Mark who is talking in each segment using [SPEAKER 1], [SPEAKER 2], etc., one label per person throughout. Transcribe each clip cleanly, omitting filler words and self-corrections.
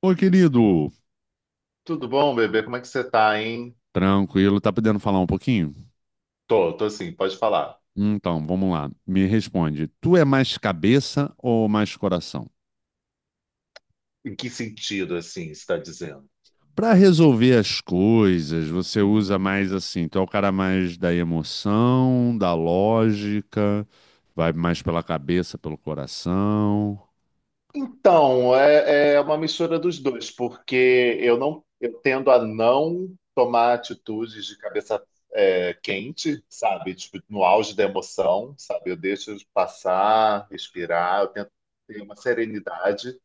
[SPEAKER 1] Oi, querido.
[SPEAKER 2] Tudo bom, bebê? Como é que você tá, hein?
[SPEAKER 1] Tranquilo, tá podendo falar um pouquinho?
[SPEAKER 2] Tô assim, pode falar.
[SPEAKER 1] Então, vamos lá. Me responde. Tu é mais cabeça ou mais coração?
[SPEAKER 2] Em que sentido, assim, você está dizendo?
[SPEAKER 1] Pra resolver as coisas, você usa
[SPEAKER 2] Hum.
[SPEAKER 1] mais assim, tu é o cara mais da emoção, da lógica, vai mais pela cabeça, pelo coração.
[SPEAKER 2] Então, é uma mistura dos dois, porque eu tendo a não tomar atitudes de cabeça quente, sabe? Tipo, no auge da emoção, sabe? Eu deixo passar, respirar, eu tento ter uma serenidade.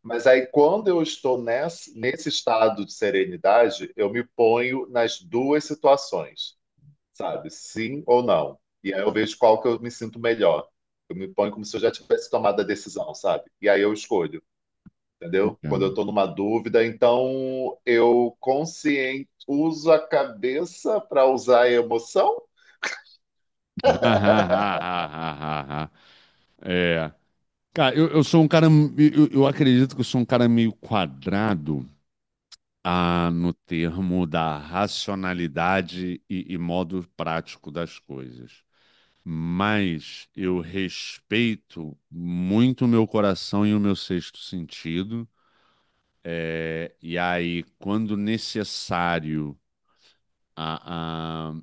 [SPEAKER 2] Mas aí, quando eu estou nessa, nesse estado de serenidade, eu me ponho nas duas situações, sabe? Sim ou não. E aí eu vejo qual que eu me sinto melhor. Eu me ponho como se eu já tivesse tomado a decisão, sabe? E aí eu escolho, entendeu? Quando eu
[SPEAKER 1] Entendo.
[SPEAKER 2] estou numa dúvida, então eu consciente uso a cabeça para usar a emoção?
[SPEAKER 1] É. Cara, eu sou um cara. Eu acredito que eu sou um cara meio quadrado. Ah, no termo da racionalidade e modo prático das coisas. Mas eu respeito muito o meu coração e o meu sexto sentido. É, e aí, quando necessário a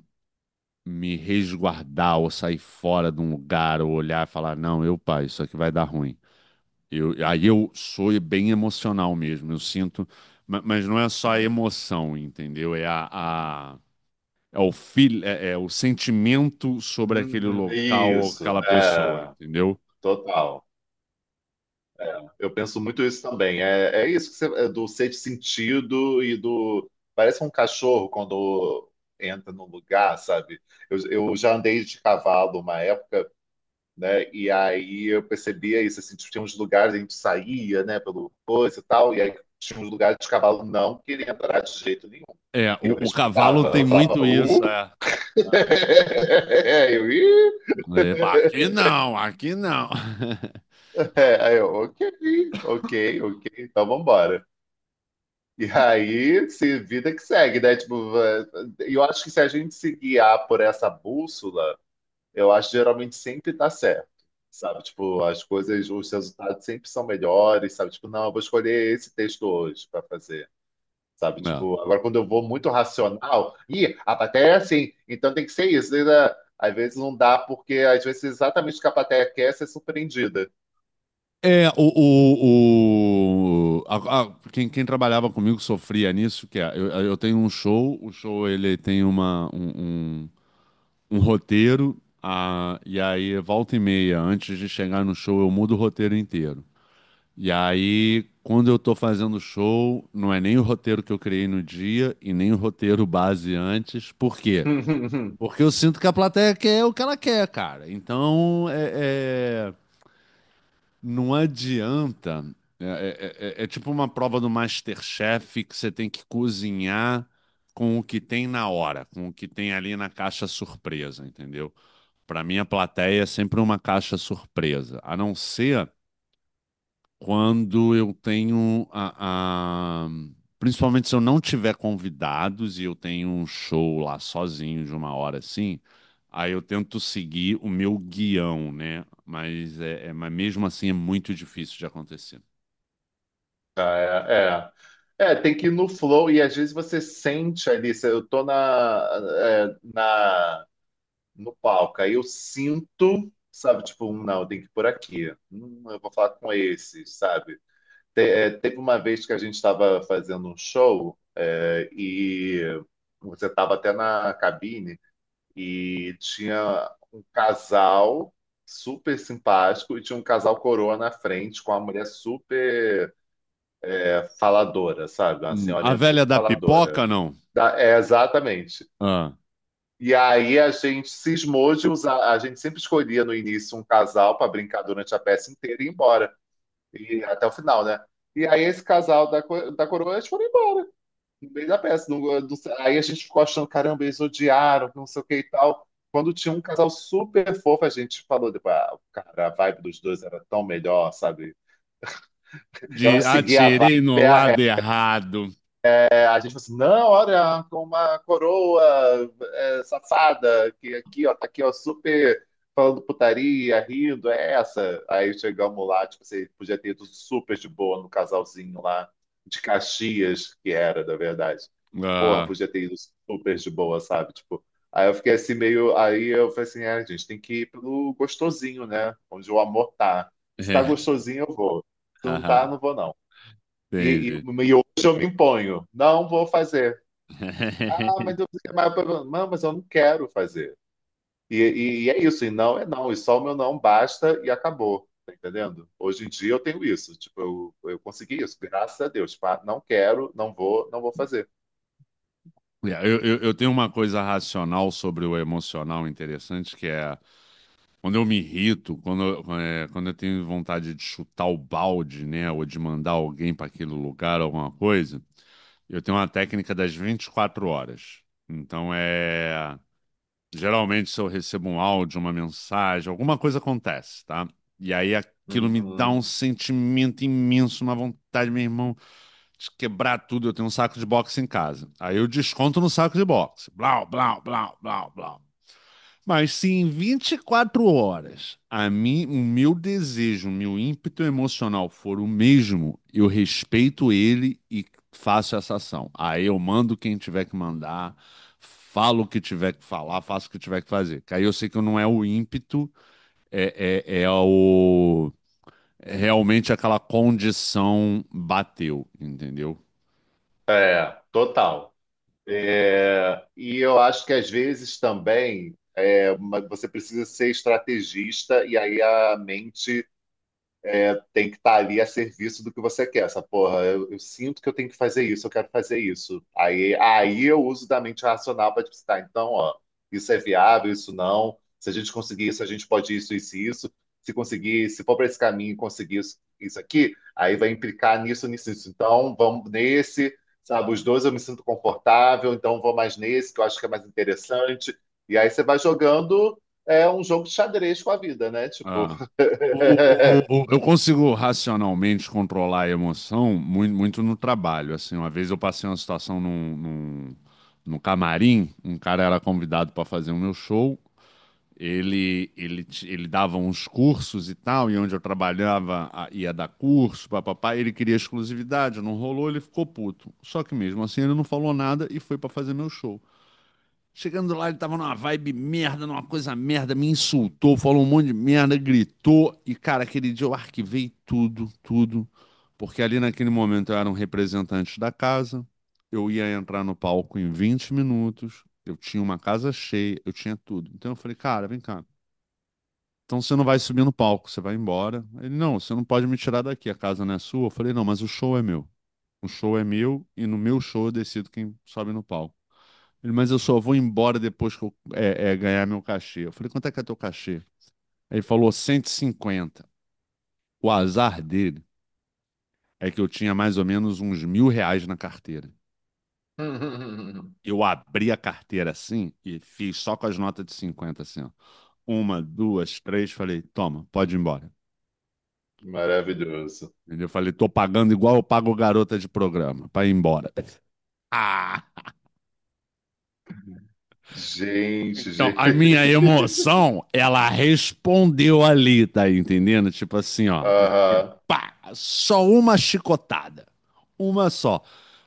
[SPEAKER 1] me resguardar ou sair fora de um lugar ou olhar e falar, não, eu, pai, isso aqui vai dar ruim. Aí eu sou bem emocional mesmo. Eu sinto, mas não é só a emoção, entendeu? É o feel, é o sentimento sobre aquele
[SPEAKER 2] Uhum.
[SPEAKER 1] local ou
[SPEAKER 2] Isso,
[SPEAKER 1] aquela pessoa,
[SPEAKER 2] é,
[SPEAKER 1] entendeu?
[SPEAKER 2] total. Eu penso muito isso também. É isso que você, é do sexto sentido e do. Parece um cachorro quando entra num lugar, sabe? Eu já andei de cavalo uma época, né? E aí eu percebia isso, assim, tipo, tinha uns lugares, a gente saía, né, pelo coisa e tal, e aí tinha uns lugares que o cavalo não queria entrar de jeito nenhum.
[SPEAKER 1] É,
[SPEAKER 2] E eu
[SPEAKER 1] o cavalo
[SPEAKER 2] respirava,
[SPEAKER 1] tem
[SPEAKER 2] eu falava,
[SPEAKER 1] muito isso, é.
[SPEAKER 2] eu, Ih!
[SPEAKER 1] É, pá, aqui não, aqui não.
[SPEAKER 2] Ok, ok, ok, então vambora. E aí, se vida que segue, né? Eh, eu acho que se a gente se guiar por essa bússola, eu acho que geralmente sempre dá certo, sabe? Tipo, as coisas, os resultados sempre são melhores, sabe? Tipo, não, eu vou escolher esse texto hoje para fazer, sabe? Tipo, agora quando eu vou muito racional, ih, a plateia é assim, então tem que ser isso, né? Às vezes não dá, porque às vezes exatamente o que a plateia quer é ser surpreendida.
[SPEAKER 1] É. Quem trabalhava comigo sofria nisso, que é, eu tenho um show, o show ele tem um roteiro, ah, e aí volta e meia, antes de chegar no show, eu mudo o roteiro inteiro. E aí, quando eu tô fazendo show, não é nem o roteiro que eu criei no dia e nem o roteiro base antes. Por quê? Porque eu sinto que a plateia quer o que ela quer, cara. Então, não adianta. É, é tipo uma prova do MasterChef que você tem que cozinhar com o que tem na hora, com o que tem ali na caixa surpresa, entendeu? Pra mim, a plateia é sempre uma caixa surpresa, a não ser quando eu tenho Principalmente se eu não tiver convidados e eu tenho um show lá sozinho de uma hora assim, aí eu tento seguir o meu guião, né? Mas, mas mesmo assim é muito difícil de acontecer.
[SPEAKER 2] Ah, É, tem que ir no flow e às vezes você sente ali, se eu tô na, é, na no palco. Aí eu sinto, sabe, tipo, não, tem que ir por aqui. Eu vou falar com esses, sabe? Teve uma vez que a gente estava fazendo um show, e você estava até na cabine e tinha um casal super simpático e tinha um casal coroa na frente com uma mulher super faladora, sabe? Uma
[SPEAKER 1] A
[SPEAKER 2] senhorinha
[SPEAKER 1] velha
[SPEAKER 2] super
[SPEAKER 1] da
[SPEAKER 2] faladora.
[SPEAKER 1] pipoca, não?
[SPEAKER 2] Exatamente.
[SPEAKER 1] Ah.
[SPEAKER 2] E aí a gente cismou de usar, a gente sempre escolhia no início um casal para brincar durante a peça inteira e ir embora, e até o final, né? E aí esse casal da coroa, eles foram embora no meio da peça. Não- não sei- aí a gente ficou achando, caramba, eles odiaram, não sei o que e tal. Quando tinha um casal super fofo, a gente falou depois, ah, cara, a vibe dos dois era tão melhor, sabe? Eu
[SPEAKER 1] De
[SPEAKER 2] segui a vibe,
[SPEAKER 1] atirei no lado errado.
[SPEAKER 2] a gente fala assim, não, olha, com uma coroa safada, que aqui, ó, tá aqui, ó, super falando putaria, rindo, é essa. Aí chegamos lá, tipo, você podia ter ido super de boa no casalzinho lá, de Caxias, que era, na verdade. Porra,
[SPEAKER 1] Ah,
[SPEAKER 2] podia ter ido super de boa, sabe? Tipo, aí eu fiquei assim meio. Aí eu falei assim, gente, tem que ir pelo gostosinho, né? Onde o amor tá. Se tá
[SPEAKER 1] é.
[SPEAKER 2] gostosinho, eu vou. Se não tá, não vou, não. E,
[SPEAKER 1] Entendi.
[SPEAKER 2] e hoje eu me imponho, não vou fazer. Ah, mas, mas eu não quero fazer. E é isso, e não é não, e só o meu não basta e acabou. Tá entendendo? Hoje em dia eu tenho isso. Tipo, eu consegui isso, graças a Deus. Pá, não quero, não vou, não vou fazer.
[SPEAKER 1] É, eu tenho uma coisa racional sobre o emocional interessante, que é quando eu me irrito, quando eu tenho vontade de chutar o balde, né, ou de mandar alguém para aquele lugar, alguma coisa, eu tenho uma técnica das 24 horas. Então é. Geralmente, se eu recebo um áudio, uma mensagem, alguma coisa acontece, tá? E aí aquilo me dá um
[SPEAKER 2] Uhum.
[SPEAKER 1] sentimento imenso, uma vontade, meu irmão, de quebrar tudo. Eu tenho um saco de boxe em casa. Aí eu desconto no saco de boxe. Blau, blau, blau, blau, blau. Mas se em 24 horas a mim, o meu desejo, o meu ímpeto emocional for o mesmo, eu respeito ele e faço essa ação. Aí eu mando quem tiver que mandar, falo o que tiver que falar, faço o que tiver que fazer. Que aí eu sei que não é o ímpeto, é o é realmente aquela condição bateu, entendeu?
[SPEAKER 2] É, total. É, e eu acho que às vezes também você precisa ser estrategista e aí a mente tem que estar ali a serviço do que você quer. Essa porra, eu sinto que eu tenho que fazer isso, eu quero fazer isso. Aí eu uso da mente racional para tipo, assim, tá, então, ó, isso é viável, isso não. Se a gente conseguir isso, a gente pode isso, isso e isso. Se conseguir, se for para esse caminho e conseguir isso, isso aqui, aí vai implicar nisso, nisso, nisso. Então, vamos nesse, sabe? Os dois eu me sinto confortável, então vou mais nesse, que eu acho que é mais interessante. E aí você vai jogando é um jogo de xadrez com a vida, né? Tipo,
[SPEAKER 1] Ah. Eu consigo racionalmente controlar a emoção muito, muito no trabalho. Assim, uma vez eu passei uma situação num camarim, um cara era convidado para fazer o meu show. Ele dava uns cursos e tal, e onde eu trabalhava ia dar curso, papapá. Ele queria exclusividade, não rolou, ele ficou puto. Só que mesmo assim ele não falou nada e foi para fazer meu show. Chegando lá, ele tava numa vibe merda, numa coisa merda, me insultou, falou um monte de merda, gritou. E, cara, aquele dia eu arquivei tudo, tudo. Porque ali naquele momento eu era um representante da casa, eu ia entrar no palco em 20 minutos, eu tinha uma casa cheia, eu tinha tudo. Então eu falei, cara, vem cá. Então você não vai subir no palco, você vai embora. Ele, não, você não pode me tirar daqui, a casa não é sua. Eu falei, não, mas o show é meu. O show é meu e no meu show eu decido quem sobe no palco. Ele, mas eu só vou embora depois que eu ganhar meu cachê. Eu falei, quanto é que é teu cachê? Ele falou, 150. O azar dele é que eu tinha mais ou menos uns 1.000 reais na carteira. Eu abri a carteira assim e fiz só com as notas de 50 assim, ó. Uma, duas, três, falei, toma, pode ir embora.
[SPEAKER 2] maravilhoso.
[SPEAKER 1] Entendeu? Eu falei, tô pagando igual eu pago garota de programa, pra ir embora. Ah!
[SPEAKER 2] Gente,
[SPEAKER 1] Então,
[SPEAKER 2] gente.
[SPEAKER 1] a minha emoção, ela respondeu ali, tá entendendo? Tipo assim, ó, aqui, ó,
[SPEAKER 2] Aham.
[SPEAKER 1] pá, só uma chicotada, uma só.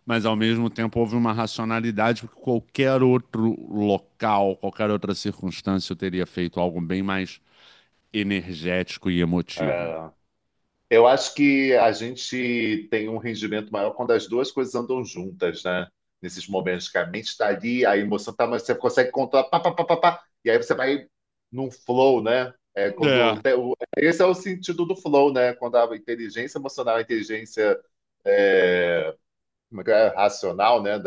[SPEAKER 1] Mas ao mesmo tempo houve uma racionalidade, porque qualquer outro local, qualquer outra circunstância, eu teria feito algo bem mais energético e emotivo.
[SPEAKER 2] É. Eu acho que a gente tem um rendimento maior quando as duas coisas andam juntas, né? Nesses momentos que a mente está ali, a emoção está, mas você consegue controlar, pá, pá, pá, pá, pá, e aí você vai num flow, né? É quando
[SPEAKER 1] É,
[SPEAKER 2] tem esse é o sentido do flow, né? Quando a inteligência emocional, a inteligência é, como é que é? Racional, né?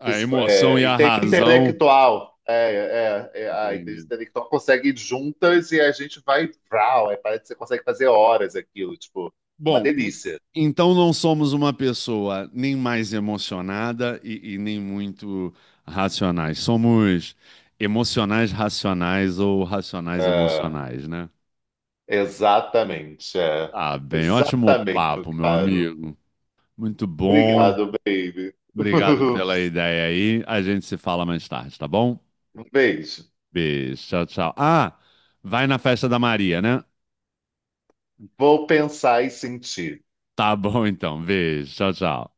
[SPEAKER 1] a
[SPEAKER 2] psico-
[SPEAKER 1] emoção e
[SPEAKER 2] é,
[SPEAKER 1] a razão,
[SPEAKER 2] Intelectual. A inteligência
[SPEAKER 1] entende?
[SPEAKER 2] intelectual consegue ir juntas e a gente vai. Vrau, aí parece que você consegue fazer horas aquilo. Tipo, é uma
[SPEAKER 1] Bom,
[SPEAKER 2] delícia.
[SPEAKER 1] então não somos uma pessoa nem mais emocionada e nem muito racionais. Somos emocionais racionais ou racionais
[SPEAKER 2] É,
[SPEAKER 1] emocionais, né?
[SPEAKER 2] exatamente. É.
[SPEAKER 1] Tá bem, ótimo
[SPEAKER 2] Exatamente, meu
[SPEAKER 1] papo, meu
[SPEAKER 2] caro.
[SPEAKER 1] amigo. Muito bom.
[SPEAKER 2] Obrigado, baby.
[SPEAKER 1] Obrigado pela ideia aí. A gente se fala mais tarde, tá bom?
[SPEAKER 2] Um beijo.
[SPEAKER 1] Beijo, tchau, tchau. Ah, vai na festa da Maria, né?
[SPEAKER 2] Vou pensar e sentir.
[SPEAKER 1] Tá bom então. Beijo, tchau, tchau.